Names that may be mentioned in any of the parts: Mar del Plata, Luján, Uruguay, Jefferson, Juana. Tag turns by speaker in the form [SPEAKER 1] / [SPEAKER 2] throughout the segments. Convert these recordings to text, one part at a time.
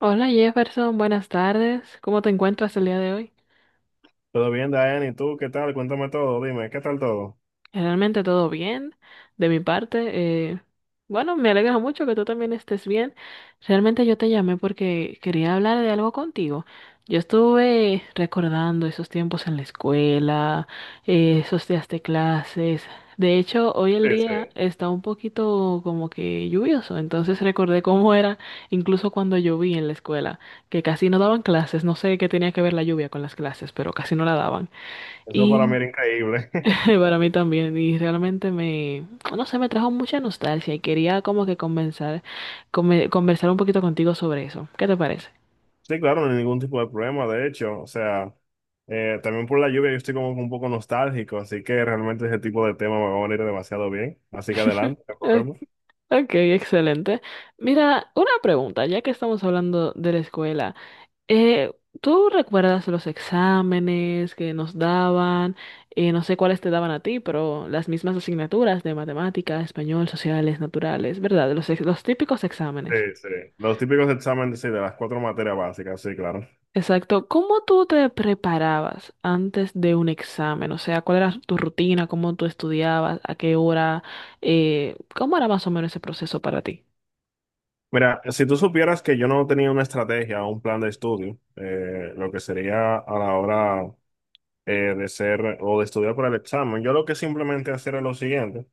[SPEAKER 1] Hola Jefferson, buenas tardes. ¿Cómo te encuentras el día de hoy?
[SPEAKER 2] Todo bien, Diane, ¿y tú qué tal? Cuéntame todo, dime, ¿qué tal todo?
[SPEAKER 1] Realmente todo bien de mi parte. Bueno, me alegra mucho que tú también estés bien. Realmente yo te llamé porque quería hablar de algo contigo. Yo estuve recordando esos tiempos en la escuela, esos días de clases. De hecho, hoy el
[SPEAKER 2] Sí, sí,
[SPEAKER 1] día está un poquito como que lluvioso, entonces recordé cómo era incluso cuando lloví en la escuela, que casi no daban clases. No sé qué tenía que ver la lluvia con las clases, pero casi no la daban.
[SPEAKER 2] eso para mí
[SPEAKER 1] Y
[SPEAKER 2] era increíble.
[SPEAKER 1] para mí también, y no sé, me trajo mucha nostalgia y quería como que conversar, conversar un poquito contigo sobre eso. ¿Qué te parece?
[SPEAKER 2] Sí, claro, no hay ningún tipo de problema, de hecho, o sea, también por la lluvia yo estoy como un poco nostálgico, así que realmente ese tipo de tema me va a venir demasiado bien, así que adelante,
[SPEAKER 1] Ok,
[SPEAKER 2] cogemos.
[SPEAKER 1] ok, excelente. Mira, una pregunta, ya que estamos hablando de la escuela, eh, ¿tú recuerdas los exámenes que nos daban? No sé cuáles te daban a ti, pero las mismas asignaturas de matemáticas, español, sociales, naturales, ¿verdad? Los típicos
[SPEAKER 2] Sí,
[SPEAKER 1] exámenes.
[SPEAKER 2] sí, los típicos exámenes, sí, de las cuatro materias básicas, sí, claro.
[SPEAKER 1] Exacto. ¿Cómo tú te preparabas antes de un examen? O sea, ¿cuál era tu rutina? ¿Cómo tú estudiabas? ¿A qué hora? ¿Cómo era más o menos ese proceso para ti?
[SPEAKER 2] Mira, si tú supieras que yo no tenía una estrategia o un plan de estudio, lo que sería a la hora de ser o de estudiar para el examen. Yo lo que simplemente hacer es lo siguiente.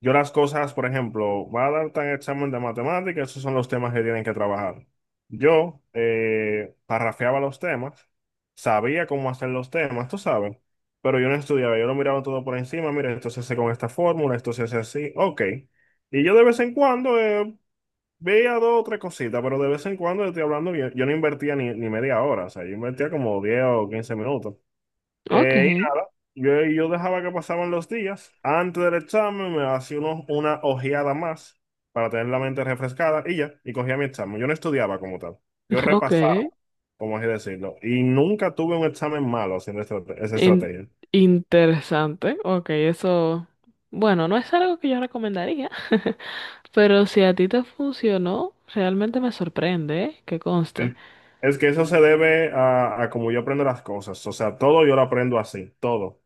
[SPEAKER 2] Yo las cosas, por ejemplo, va a dar tan examen de matemáticas, esos son los temas que tienen que trabajar. Yo parrafeaba los temas, sabía cómo hacer los temas, tú sabes, pero yo no estudiaba, yo lo miraba todo por encima, mira, esto se hace con esta fórmula, esto se hace así, ok. Y yo de vez en cuando veía dos o tres cositas, pero de vez en cuando estoy hablando, yo no invertía ni media hora, o sea, yo invertía como 10 o 15 minutos.
[SPEAKER 1] Ok,
[SPEAKER 2] Eh, yo dejaba que pasaban los días. Antes del examen me hacía una ojeada más para tener la mente refrescada y ya, y cogía mi examen. Yo no estudiaba como tal. Yo
[SPEAKER 1] ok.
[SPEAKER 2] repasaba, como así decirlo. Y nunca tuve un examen malo haciendo esa
[SPEAKER 1] In-
[SPEAKER 2] estrategia.
[SPEAKER 1] Interesante. Ok, eso, bueno, no es algo que yo recomendaría, pero si a ti te funcionó, realmente me sorprende, ¿eh? Que conste.
[SPEAKER 2] Es que eso se debe a como yo aprendo las cosas. O sea, todo yo lo aprendo así, todo. O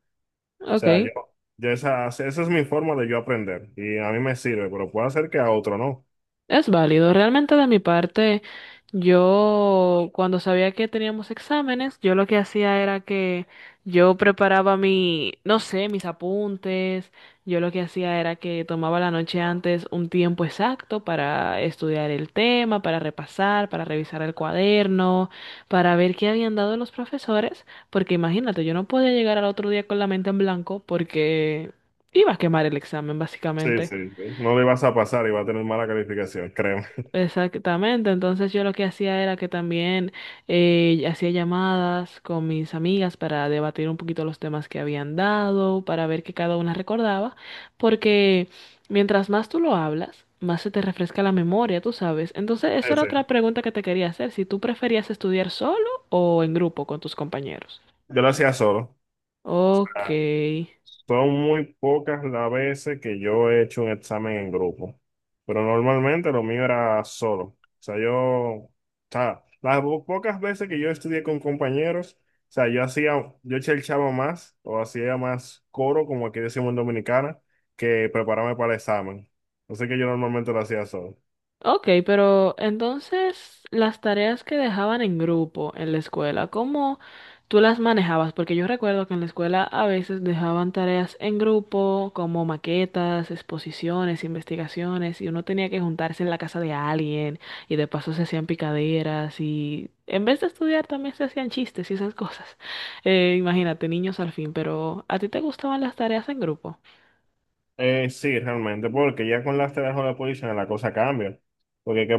[SPEAKER 2] sea,
[SPEAKER 1] Ok.
[SPEAKER 2] yo esa es mi forma de yo aprender. Y a mí me sirve, pero puede ser que a otro no.
[SPEAKER 1] Es válido. Realmente de mi parte, yo cuando sabía que teníamos exámenes, yo lo que hacía era que no sé, mis apuntes. Yo lo que hacía era que tomaba la noche antes un tiempo exacto para estudiar el tema, para repasar, para revisar el cuaderno, para ver qué habían dado los profesores, porque imagínate, yo no podía llegar al otro día con la mente en blanco porque iba a quemar el examen,
[SPEAKER 2] Sí,
[SPEAKER 1] básicamente.
[SPEAKER 2] sí, sí. No le vas a pasar y va a tener mala calificación, créeme.
[SPEAKER 1] Exactamente, entonces yo lo que hacía era que también hacía llamadas con mis amigas para debatir un poquito los temas que habían dado, para ver qué cada una recordaba, porque mientras más tú lo hablas, más se te refresca la memoria, tú sabes. Entonces, esa
[SPEAKER 2] Sí,
[SPEAKER 1] era
[SPEAKER 2] sí.
[SPEAKER 1] otra pregunta que te quería hacer, si tú preferías estudiar solo o en grupo con tus compañeros.
[SPEAKER 2] Yo lo hacía solo.
[SPEAKER 1] Ok.
[SPEAKER 2] Ah, son muy pocas las veces que yo he hecho un examen en grupo, pero normalmente lo mío era solo. O sea, yo, o sea, las pocas veces que yo estudié con compañeros, o sea, yo hacía, yo chava más o hacía más coro, como aquí decimos en Dominicana, que prepararme para el examen. Así que yo normalmente lo hacía solo.
[SPEAKER 1] Ok, pero entonces las tareas que dejaban en grupo en la escuela, ¿cómo tú las manejabas? Porque yo recuerdo que en la escuela a veces dejaban tareas en grupo, como maquetas, exposiciones, investigaciones, y uno tenía que juntarse en la casa de alguien, y de paso se hacían picaderas, y en vez de estudiar también se hacían chistes y esas cosas. Imagínate, niños al fin, pero ¿a ti te gustaban las tareas en grupo?
[SPEAKER 2] Sí, realmente, porque ya con las telas de la posición la cosa cambia. Porque hay que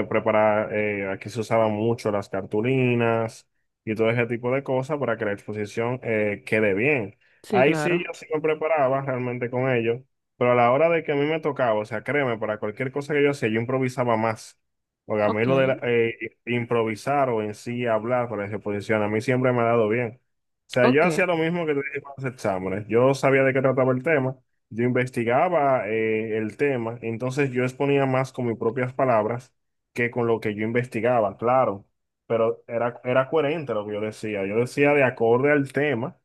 [SPEAKER 2] preparar, aquí se usaban mucho las cartulinas y todo ese tipo de cosas para que la exposición quede bien.
[SPEAKER 1] Sí,
[SPEAKER 2] Ahí sí
[SPEAKER 1] claro.
[SPEAKER 2] yo sí me preparaba realmente con ello, pero a la hora de que a mí me tocaba, o sea, créeme, para cualquier cosa que yo hacía, yo improvisaba más. Porque a mí
[SPEAKER 1] Ok,
[SPEAKER 2] lo de improvisar o en sí hablar para esa exposición, a mí siempre me ha dado bien. O sea,
[SPEAKER 1] ok.
[SPEAKER 2] yo hacía lo mismo que te dije con los exámenes. Yo sabía de qué trataba el tema. Yo investigaba el tema, entonces yo exponía más con mis propias palabras que con lo que yo investigaba, claro, pero era coherente lo que yo decía. Yo decía de acorde al tema,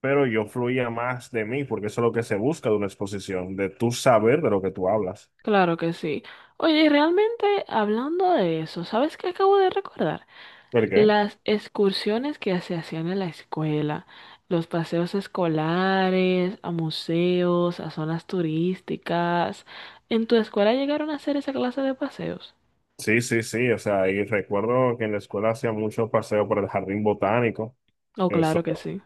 [SPEAKER 2] pero yo fluía más de mí, porque eso es lo que se busca de una exposición, de tú saber de lo que tú hablas.
[SPEAKER 1] Claro que sí. Oye, y realmente hablando de eso, ¿sabes qué acabo de recordar?
[SPEAKER 2] ¿Por qué?
[SPEAKER 1] Las excursiones que se hacían en la escuela, los paseos escolares, a museos, a zonas turísticas. ¿En tu escuela llegaron a hacer esa clase de paseos?
[SPEAKER 2] Sí, sí, sí, o sea, y recuerdo que en la escuela hacía muchos paseos por el jardín botánico.
[SPEAKER 1] Oh, claro
[SPEAKER 2] Eso
[SPEAKER 1] que sí.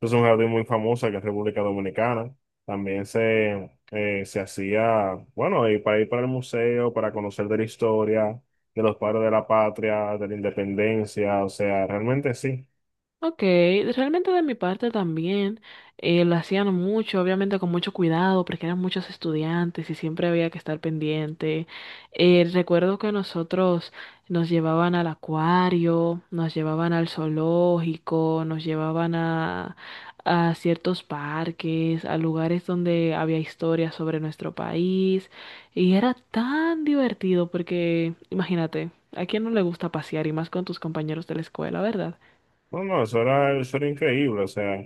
[SPEAKER 2] es una jardín muy famosa que es República Dominicana. También se, se hacía, bueno, y para ir para el museo, para conocer de la historia, de los padres de la patria, de la independencia, o sea, realmente sí.
[SPEAKER 1] Ok, realmente de mi parte también lo hacían mucho, obviamente con mucho cuidado, porque eran muchos estudiantes y siempre había que estar pendiente. Recuerdo que nosotros nos llevaban al acuario, nos llevaban al zoológico, nos llevaban a ciertos parques, a lugares donde había historias sobre nuestro país. Y era tan divertido porque, imagínate, ¿a quién no le gusta pasear y más con tus compañeros de la escuela, verdad?
[SPEAKER 2] No, no, eso era increíble, o sea,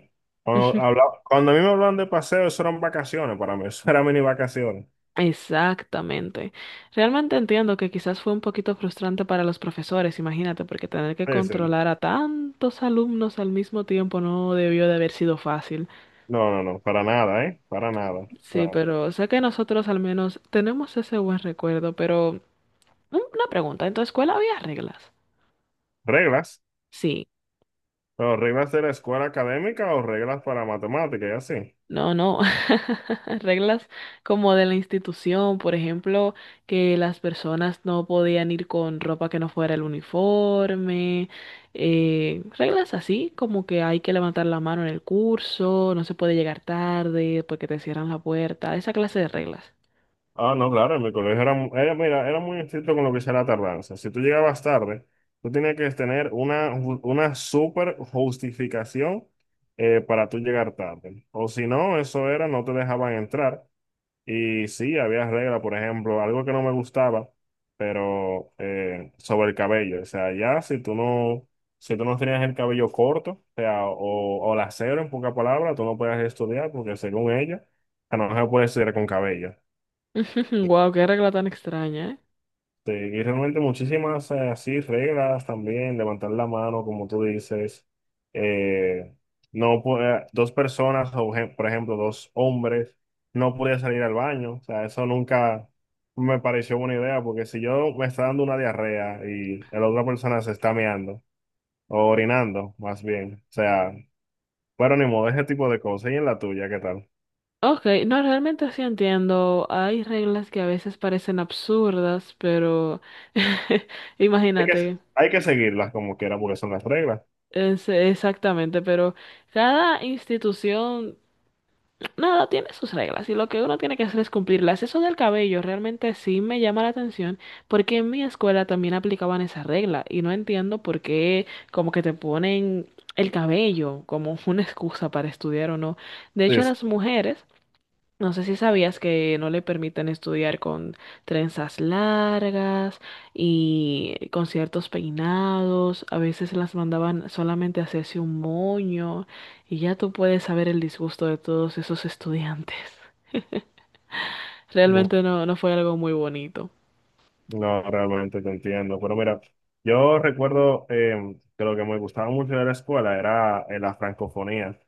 [SPEAKER 2] cuando a mí me hablan de paseo, eso eran vacaciones para mí, eso eran mini vacaciones.
[SPEAKER 1] Exactamente. Realmente entiendo que quizás fue un poquito frustrante para los profesores, imagínate, porque tener que
[SPEAKER 2] Sí, sí.
[SPEAKER 1] controlar a tantos alumnos al mismo tiempo no debió de haber sido fácil.
[SPEAKER 2] No, no, no, para nada, ¿eh? Para nada. O sea,
[SPEAKER 1] Sí, pero sé que nosotros al menos tenemos ese buen recuerdo, pero una pregunta, ¿en tu escuela había reglas?
[SPEAKER 2] reglas,
[SPEAKER 1] Sí.
[SPEAKER 2] pero reglas de la escuela académica o reglas para matemáticas y así.
[SPEAKER 1] No, no. Reglas como de la institución, por ejemplo, que las personas no podían ir con ropa que no fuera el uniforme. Reglas así, como que hay que levantar la mano en el curso, no se puede llegar tarde porque te cierran la puerta, esa clase de reglas.
[SPEAKER 2] Ah, no, claro, en mi colegio era, era, mira, era muy estricto con lo que sea la tardanza. Si tú llegabas tarde, tú tenías que tener una, una súper justificación para tú llegar tarde. O si no, eso era, no te dejaban entrar. Y sí, había reglas, por ejemplo, algo que no me gustaba, pero sobre el cabello. O sea, ya si tú no, si tú no tenías el cabello corto, o sea, o la cero en pocas palabras, tú no podías estudiar porque según ella, no se puede estudiar con cabello.
[SPEAKER 1] Wow, qué regla tan extraña, ¿eh?
[SPEAKER 2] Sí, y realmente muchísimas así reglas también, levantar la mano, como tú dices. Eh, no dos personas, o por ejemplo, dos hombres, no podían salir al baño. O sea, eso nunca me pareció buena idea, porque si yo me está dando una diarrea y la otra persona se está meando, o orinando, más bien. O sea, bueno, ni modo, ese tipo de cosas. Y en la tuya, ¿qué tal?
[SPEAKER 1] Ok, no, realmente sí entiendo. Hay reglas que a veces parecen absurdas, pero
[SPEAKER 2] Hay que,
[SPEAKER 1] imagínate.
[SPEAKER 2] hay que seguirlas como quiera, porque son las reglas.
[SPEAKER 1] Exactamente, pero cada institución, nada, tiene sus reglas y lo que uno tiene que hacer es cumplirlas. Eso del cabello realmente sí me llama la atención porque en mi escuela también aplicaban esa regla y no entiendo por qué como que te ponen el cabello como una excusa para estudiar o no. De hecho,
[SPEAKER 2] Sí,
[SPEAKER 1] a
[SPEAKER 2] sí.
[SPEAKER 1] las mujeres no sé si sabías que no le permiten estudiar con trenzas largas y con ciertos peinados. A veces las mandaban solamente a hacerse un moño y ya tú puedes saber el disgusto de todos esos estudiantes. Realmente no, no fue algo muy bonito.
[SPEAKER 2] No, realmente te entiendo. Pero mira, yo recuerdo que lo que me gustaba mucho de la escuela era la francofonía.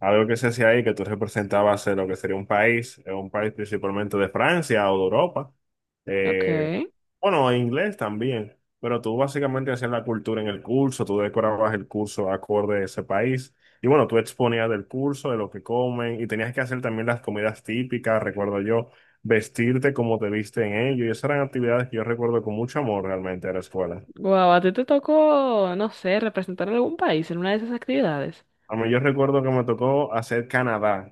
[SPEAKER 2] Algo que se hacía ahí, que tú representabas lo que sería un país principalmente de Francia o de Europa.
[SPEAKER 1] Ok.
[SPEAKER 2] Eh, bueno, en inglés también. Pero tú básicamente hacías la cultura en el curso, tú decorabas el curso acorde a ese país. Y bueno, tú exponías del curso, de lo que comen, y tenías que hacer también las comidas típicas, recuerdo yo vestirte como te viste en ello. Y esas eran actividades que yo recuerdo con mucho amor realmente de la escuela.
[SPEAKER 1] Guau, ¿a ti te tocó, no sé, representar a algún país en una de esas actividades?
[SPEAKER 2] A mí yo recuerdo que me tocó hacer Canadá.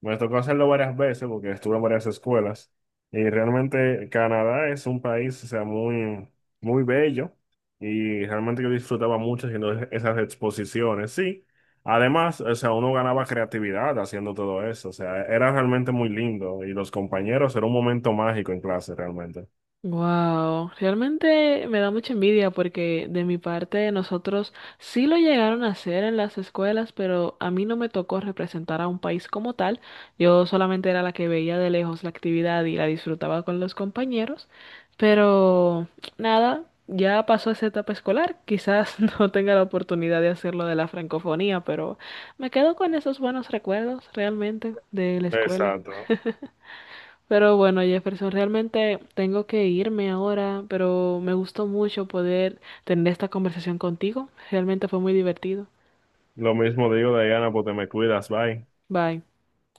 [SPEAKER 2] Me tocó hacerlo varias veces porque estuve en varias escuelas. Y realmente Canadá es un país, o sea, muy, muy bello. Y realmente yo disfrutaba mucho haciendo esas exposiciones. Sí, además, o sea, uno ganaba creatividad haciendo todo eso. O sea, era realmente muy lindo. Y los compañeros, era un momento mágico en clase realmente.
[SPEAKER 1] Wow, realmente me da mucha envidia porque de mi parte nosotros sí lo llegaron a hacer en las escuelas, pero a mí no me tocó representar a un país como tal. Yo solamente era la que veía de lejos la actividad y la disfrutaba con los compañeros, pero nada, ya pasó esa etapa escolar. Quizás no tenga la oportunidad de hacerlo de la francofonía, pero me quedo con esos buenos recuerdos realmente de la escuela.
[SPEAKER 2] Exacto.
[SPEAKER 1] Pero bueno, Jefferson, realmente tengo que irme ahora, pero me gustó mucho poder tener esta conversación contigo. Realmente fue muy divertido.
[SPEAKER 2] Lo mismo digo, Diana, pues te me cuidas, bye.
[SPEAKER 1] Bye.